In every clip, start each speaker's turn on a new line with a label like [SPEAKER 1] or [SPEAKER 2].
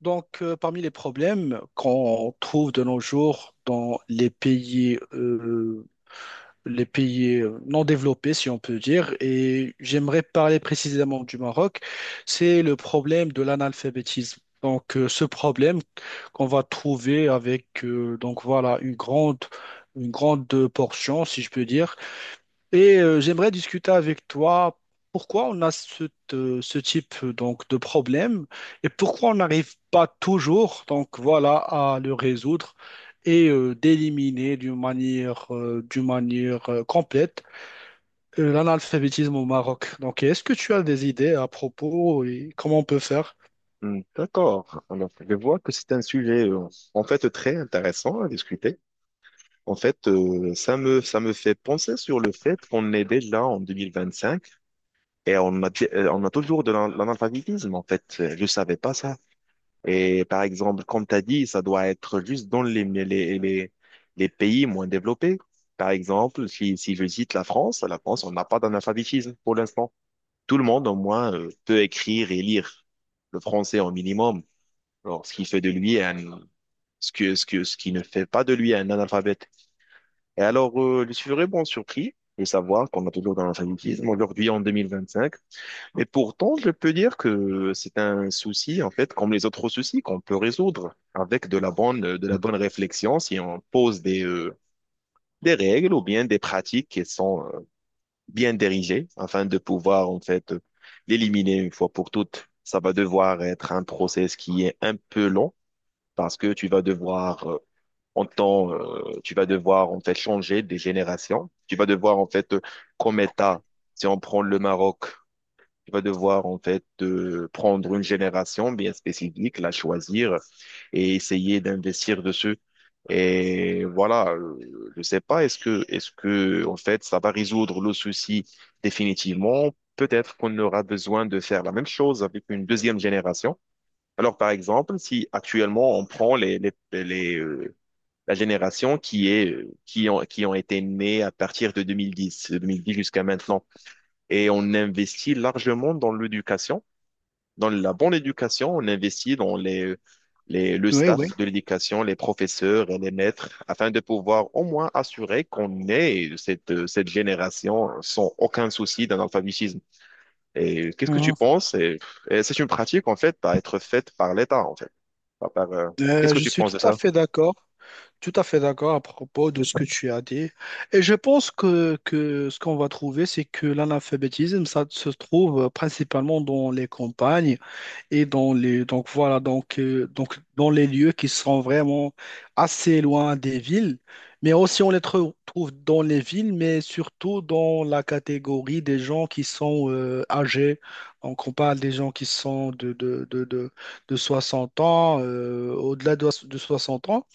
[SPEAKER 1] Parmi les problèmes qu'on trouve de nos jours dans les pays non développés, si on peut dire, et j'aimerais parler précisément du Maroc, c'est le problème de l'analphabétisme. Ce problème qu'on va trouver avec, une grande portion, si je peux dire. J'aimerais discuter avec toi pourquoi on a ce type donc de problème et pourquoi on n'arrive pas toujours donc voilà à le résoudre et d'éliminer d'une manière complète l'analphabétisme au Maroc. Donc est-ce que tu as des idées à propos et comment on peut faire?
[SPEAKER 2] Hmm, d'accord. Alors, je vois que c'est un sujet, en fait, très intéressant à discuter. En fait, ça me fait penser sur le fait qu'on est déjà en 2025 et on a toujours l'analphabétisme, en fait. Je savais pas ça. Et par exemple, comme tu as dit, ça doit être juste dans les pays moins développés. Par exemple, si je cite la France, on n'a pas d'analphabétisme pour l'instant. Tout le monde, au moins, peut écrire et lire le français au minimum. Alors, ce qui ne fait pas de lui un analphabète. Et alors, je suis vraiment surpris de savoir qu'on a toujours dans l'alphabétisme aujourd'hui en 2025. Et pourtant, je peux dire que c'est un souci, en fait, comme les autres soucis qu'on peut résoudre avec de la bonne réflexion si on pose des règles ou bien des pratiques qui sont bien dirigées afin de pouvoir, en fait, l'éliminer une fois pour toutes. Ça va devoir être un process qui est un peu long parce que tu vas devoir tu vas devoir en fait changer des générations. Tu vas devoir en fait, comme État, si on prend le Maroc, tu vas devoir en fait prendre une génération bien spécifique, la choisir et essayer d'investir dessus. Et voilà, je sais pas, est-ce que en fait, ça va résoudre le souci définitivement? Peut-être qu'on aura besoin de faire la même chose avec une deuxième génération. Alors, par exemple, si actuellement on prend les, euh, la génération qui ont été nés à partir de 2010, de 2010 jusqu'à maintenant. Et on investit largement dans l'éducation, dans la bonne éducation, on investit dans le staff de l'éducation, les professeurs et les maîtres, afin de pouvoir au moins assurer qu'on ait cette génération sans aucun souci d'analphabétisme. Et qu'est-ce que tu
[SPEAKER 1] Mhm.
[SPEAKER 2] penses? Et c'est une pratique, en fait, à être faite par l'État, en fait à part, qu'est-ce que
[SPEAKER 1] Je
[SPEAKER 2] tu
[SPEAKER 1] suis
[SPEAKER 2] penses
[SPEAKER 1] tout
[SPEAKER 2] de
[SPEAKER 1] à
[SPEAKER 2] ça?
[SPEAKER 1] fait d'accord. Tout à fait d'accord à propos de ce que tu as dit. Et je pense que ce qu'on va trouver, c'est que l'analphabétisme, ça se trouve principalement dans les campagnes et dans les, donc dans les lieux qui sont vraiment assez loin des villes. Mais aussi, on les trouve dans les villes, mais surtout dans la catégorie des gens qui sont âgés. Donc, on parle des gens qui sont de 60 ans, au-delà de 60 ans.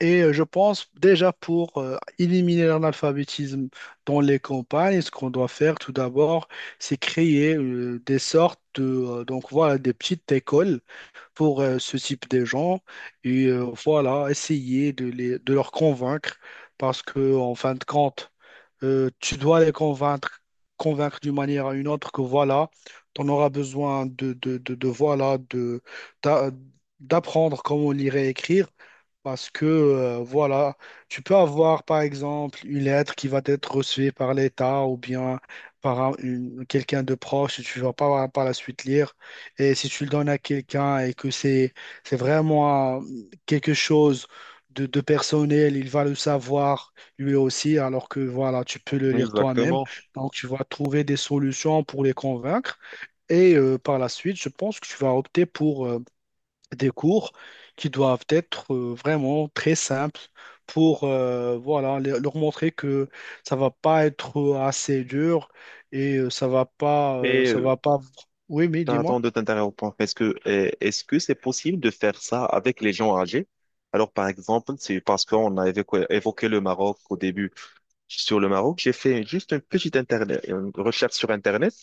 [SPEAKER 1] Je pense déjà pour éliminer l'analphabétisme dans les campagnes, ce qu'on doit faire tout d'abord, c'est créer des sortes de des petites écoles pour ce type de gens et voilà essayer de leur convaincre parce que en fin de compte tu dois les convaincre, convaincre d'une manière ou une autre que voilà, tu en auras besoin de, voilà, de, d'a- d'apprendre comment lire et écrire. Parce que, voilà, tu peux avoir, par exemple, une lettre qui va être reçue par l'État ou bien par quelqu'un de proche et tu ne vas pas par la suite lire. Et si tu le donnes à quelqu'un et que c'est vraiment quelque chose de personnel, il va le savoir lui aussi, alors que voilà, tu peux le lire toi-même.
[SPEAKER 2] Exactement.
[SPEAKER 1] Donc, tu vas trouver des solutions pour les convaincre. Par la suite, je pense que tu vas opter pour des cours qui doivent être vraiment très simples pour voilà, leur montrer que ça va pas être assez dur et
[SPEAKER 2] Mais
[SPEAKER 1] ça va pas. Oui, mais
[SPEAKER 2] pardon
[SPEAKER 1] dis-moi.
[SPEAKER 2] de t'interrompre. Est-ce que c'est possible de faire ça avec les gens âgés? Alors par exemple, c'est parce qu'on a évoqué le Maroc au début. Sur le Maroc, j'ai fait juste une recherche sur Internet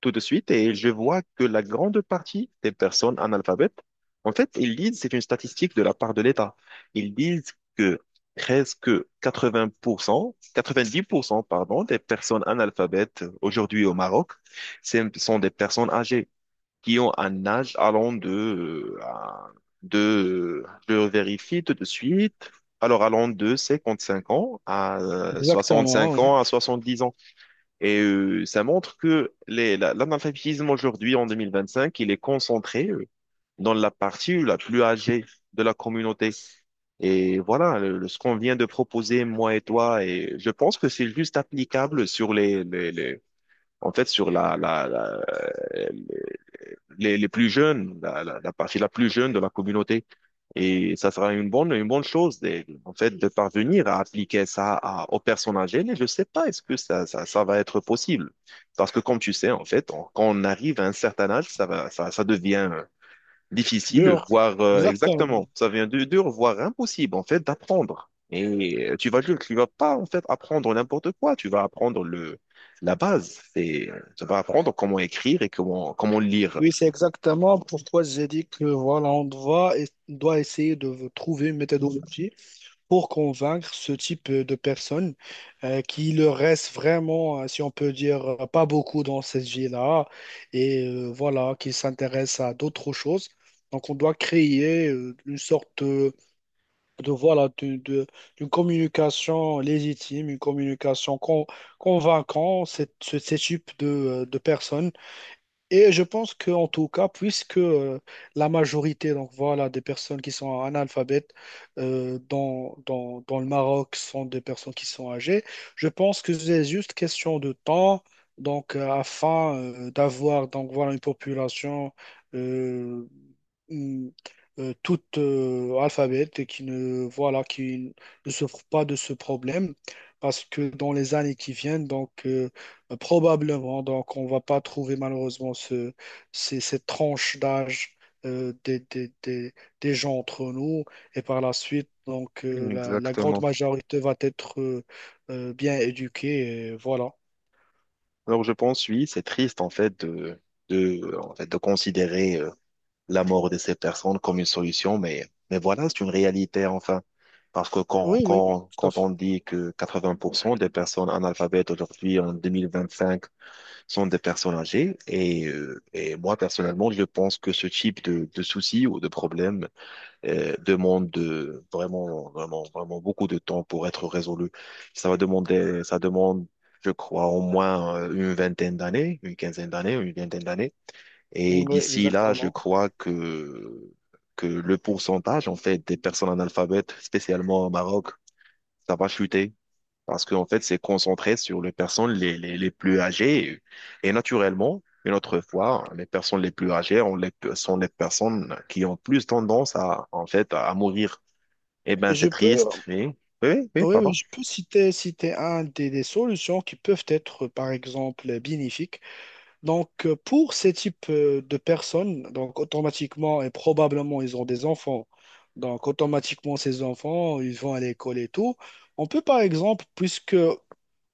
[SPEAKER 2] tout de suite et je vois que la grande partie des personnes analphabètes, en fait, ils disent, c'est une statistique de la part de l'État, ils disent que presque 80%, 90%, pardon, des personnes analphabètes aujourd'hui au Maroc, ce sont des personnes âgées qui ont un âge allant de, je vérifie tout de suite. Alors, allant de 55 ans à
[SPEAKER 1] Exactement,
[SPEAKER 2] 65
[SPEAKER 1] oui.
[SPEAKER 2] ans à 70 ans. Et ça montre que l'analphabétisme aujourd'hui, en 2025, il est concentré dans la partie la plus âgée de la communauté. Et voilà, ce qu'on vient de proposer, moi et toi, et je pense que c'est juste applicable sur en fait, sur les plus jeunes, la partie la plus jeune de la communauté. Et ça sera une bonne chose, en fait, de parvenir à appliquer ça aux personnes âgées. Mais je sais pas, est-ce que ça va être possible? Parce que comme tu sais, en fait, quand on arrive à un certain âge, ça devient difficile,
[SPEAKER 1] Dur.
[SPEAKER 2] voire
[SPEAKER 1] Exactement.
[SPEAKER 2] exactement, ça vient de dur, voire impossible en fait d'apprendre. Et tu vas pas en fait apprendre n'importe quoi, tu vas apprendre le la base, c'est tu vas apprendre comment écrire et comment lire.
[SPEAKER 1] Oui, c'est exactement pourquoi j'ai dit que voilà, on doit essayer de trouver une méthodologie pour convaincre ce type de personnes qui leur reste vraiment, si on peut dire, pas beaucoup dans cette vie-là et voilà, qui s'intéressent à d'autres choses. Donc, on doit créer une sorte de, de, voilà, de, de- d'une communication légitime, une communication convaincante, ce type de personnes et je pense que en tout cas, puisque la majorité donc voilà des personnes qui sont analphabètes dans le Maroc sont des personnes qui sont âgées, je pense que c'est juste question de temps donc afin d'avoir donc voilà une population euh, hum, toute alphabète et qui ne voilà qui ne souffre pas de ce problème parce que dans les années qui viennent probablement, donc on va pas trouver malheureusement cette tranche d'âge euh, des, des, des, des gens entre nous. Et par la suite, la, la grande
[SPEAKER 2] Exactement.
[SPEAKER 1] majorité va être bien éduquée. Et voilà.
[SPEAKER 2] Alors je pense oui, c'est triste en fait de en fait de considérer la mort de ces personnes comme une solution, mais voilà, c'est une réalité enfin. Parce que
[SPEAKER 1] Oui, oui, tout à
[SPEAKER 2] quand
[SPEAKER 1] fait.
[SPEAKER 2] on dit que 80% des personnes analphabètes aujourd'hui en 2025 sont des personnes âgées, et moi personnellement, je pense que ce type de soucis ou de problèmes demande vraiment beaucoup de temps pour être résolu. Ça demande, je crois, au moins une vingtaine d'années, une quinzaine d'années, une vingtaine d'années. Et
[SPEAKER 1] Oui,
[SPEAKER 2] d'ici là, je
[SPEAKER 1] exactement.
[SPEAKER 2] crois que le pourcentage, en fait, des personnes analphabètes, spécialement au Maroc, ça va chuter. Parce qu'en fait, c'est concentré sur les personnes les plus âgées. Et, naturellement, une autre fois, les personnes les plus âgées sont les personnes qui ont plus tendance à, en fait, à mourir. Eh ben,
[SPEAKER 1] Et je
[SPEAKER 2] c'est
[SPEAKER 1] peux,
[SPEAKER 2] triste. Oui, oui,
[SPEAKER 1] oui, oui,
[SPEAKER 2] pardon.
[SPEAKER 1] je peux citer, citer un des solutions qui peuvent être, par exemple, bénéfiques. Pour ces types de personnes, donc automatiquement et probablement, ils ont des enfants. Donc, automatiquement, ces enfants, ils vont à l'école et tout. On peut, par exemple, puisque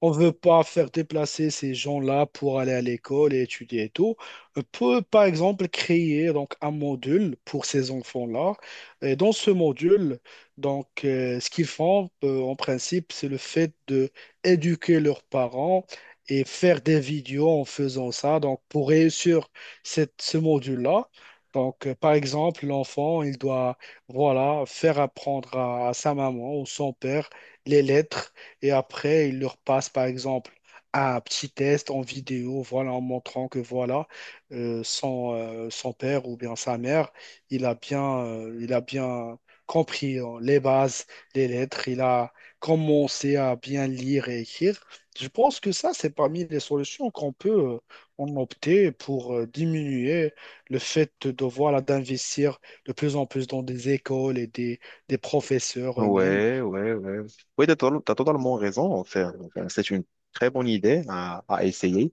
[SPEAKER 1] on veut pas faire déplacer ces gens-là pour aller à l'école et étudier et tout. On peut, par exemple, créer donc un module pour ces enfants-là. Et dans ce module, ce qu'ils font, en principe, c'est le fait de éduquer leurs parents et faire des vidéos en faisant ça. Donc, pour réussir ce module-là, par exemple, l'enfant, il doit, voilà, faire apprendre à sa maman ou son père les lettres et après, il leur passe, par exemple, un petit test en vidéo, voilà, en montrant que voilà, son père ou bien sa mère, il a bien compris hein, les bases, les lettres, il a commencé à bien lire et écrire. Je pense que ça, c'est parmi les solutions qu'on peut en opter pour diminuer le fait de devoir là, d'investir de plus en plus dans des écoles et des professeurs eux-mêmes.
[SPEAKER 2] Ouais, ouais, ouais. Oui, t'as totalement raison. En fait. Enfin, c'est une très bonne idée à essayer.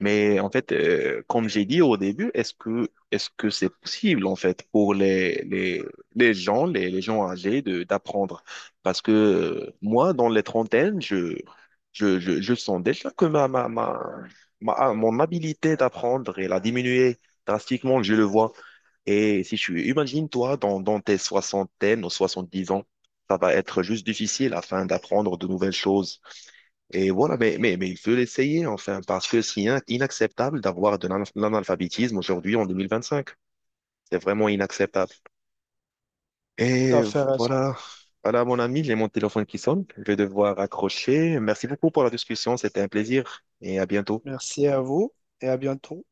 [SPEAKER 2] Mais en fait, comme j'ai dit au début, est-ce que c'est possible en fait pour les gens âgés de d'apprendre? Parce que moi, dans les trentaines, je sens déjà que mon habilité d'apprendre elle a diminué drastiquement. Je le vois. Et si tu imagines toi dans, dans tes soixantaines ou 70 ans, ça va être juste difficile afin d'apprendre de nouvelles choses. Et voilà, mais, mais il faut l'essayer enfin, parce que c'est inacceptable d'avoir l'analphabétisme aujourd'hui en 2025. C'est vraiment inacceptable.
[SPEAKER 1] Tout
[SPEAKER 2] Et
[SPEAKER 1] à fait raison.
[SPEAKER 2] voilà, voilà mon ami, j'ai mon téléphone qui sonne. Je vais devoir accrocher. Merci beaucoup pour la discussion, c'était un plaisir et à bientôt.
[SPEAKER 1] Merci à vous et à bientôt.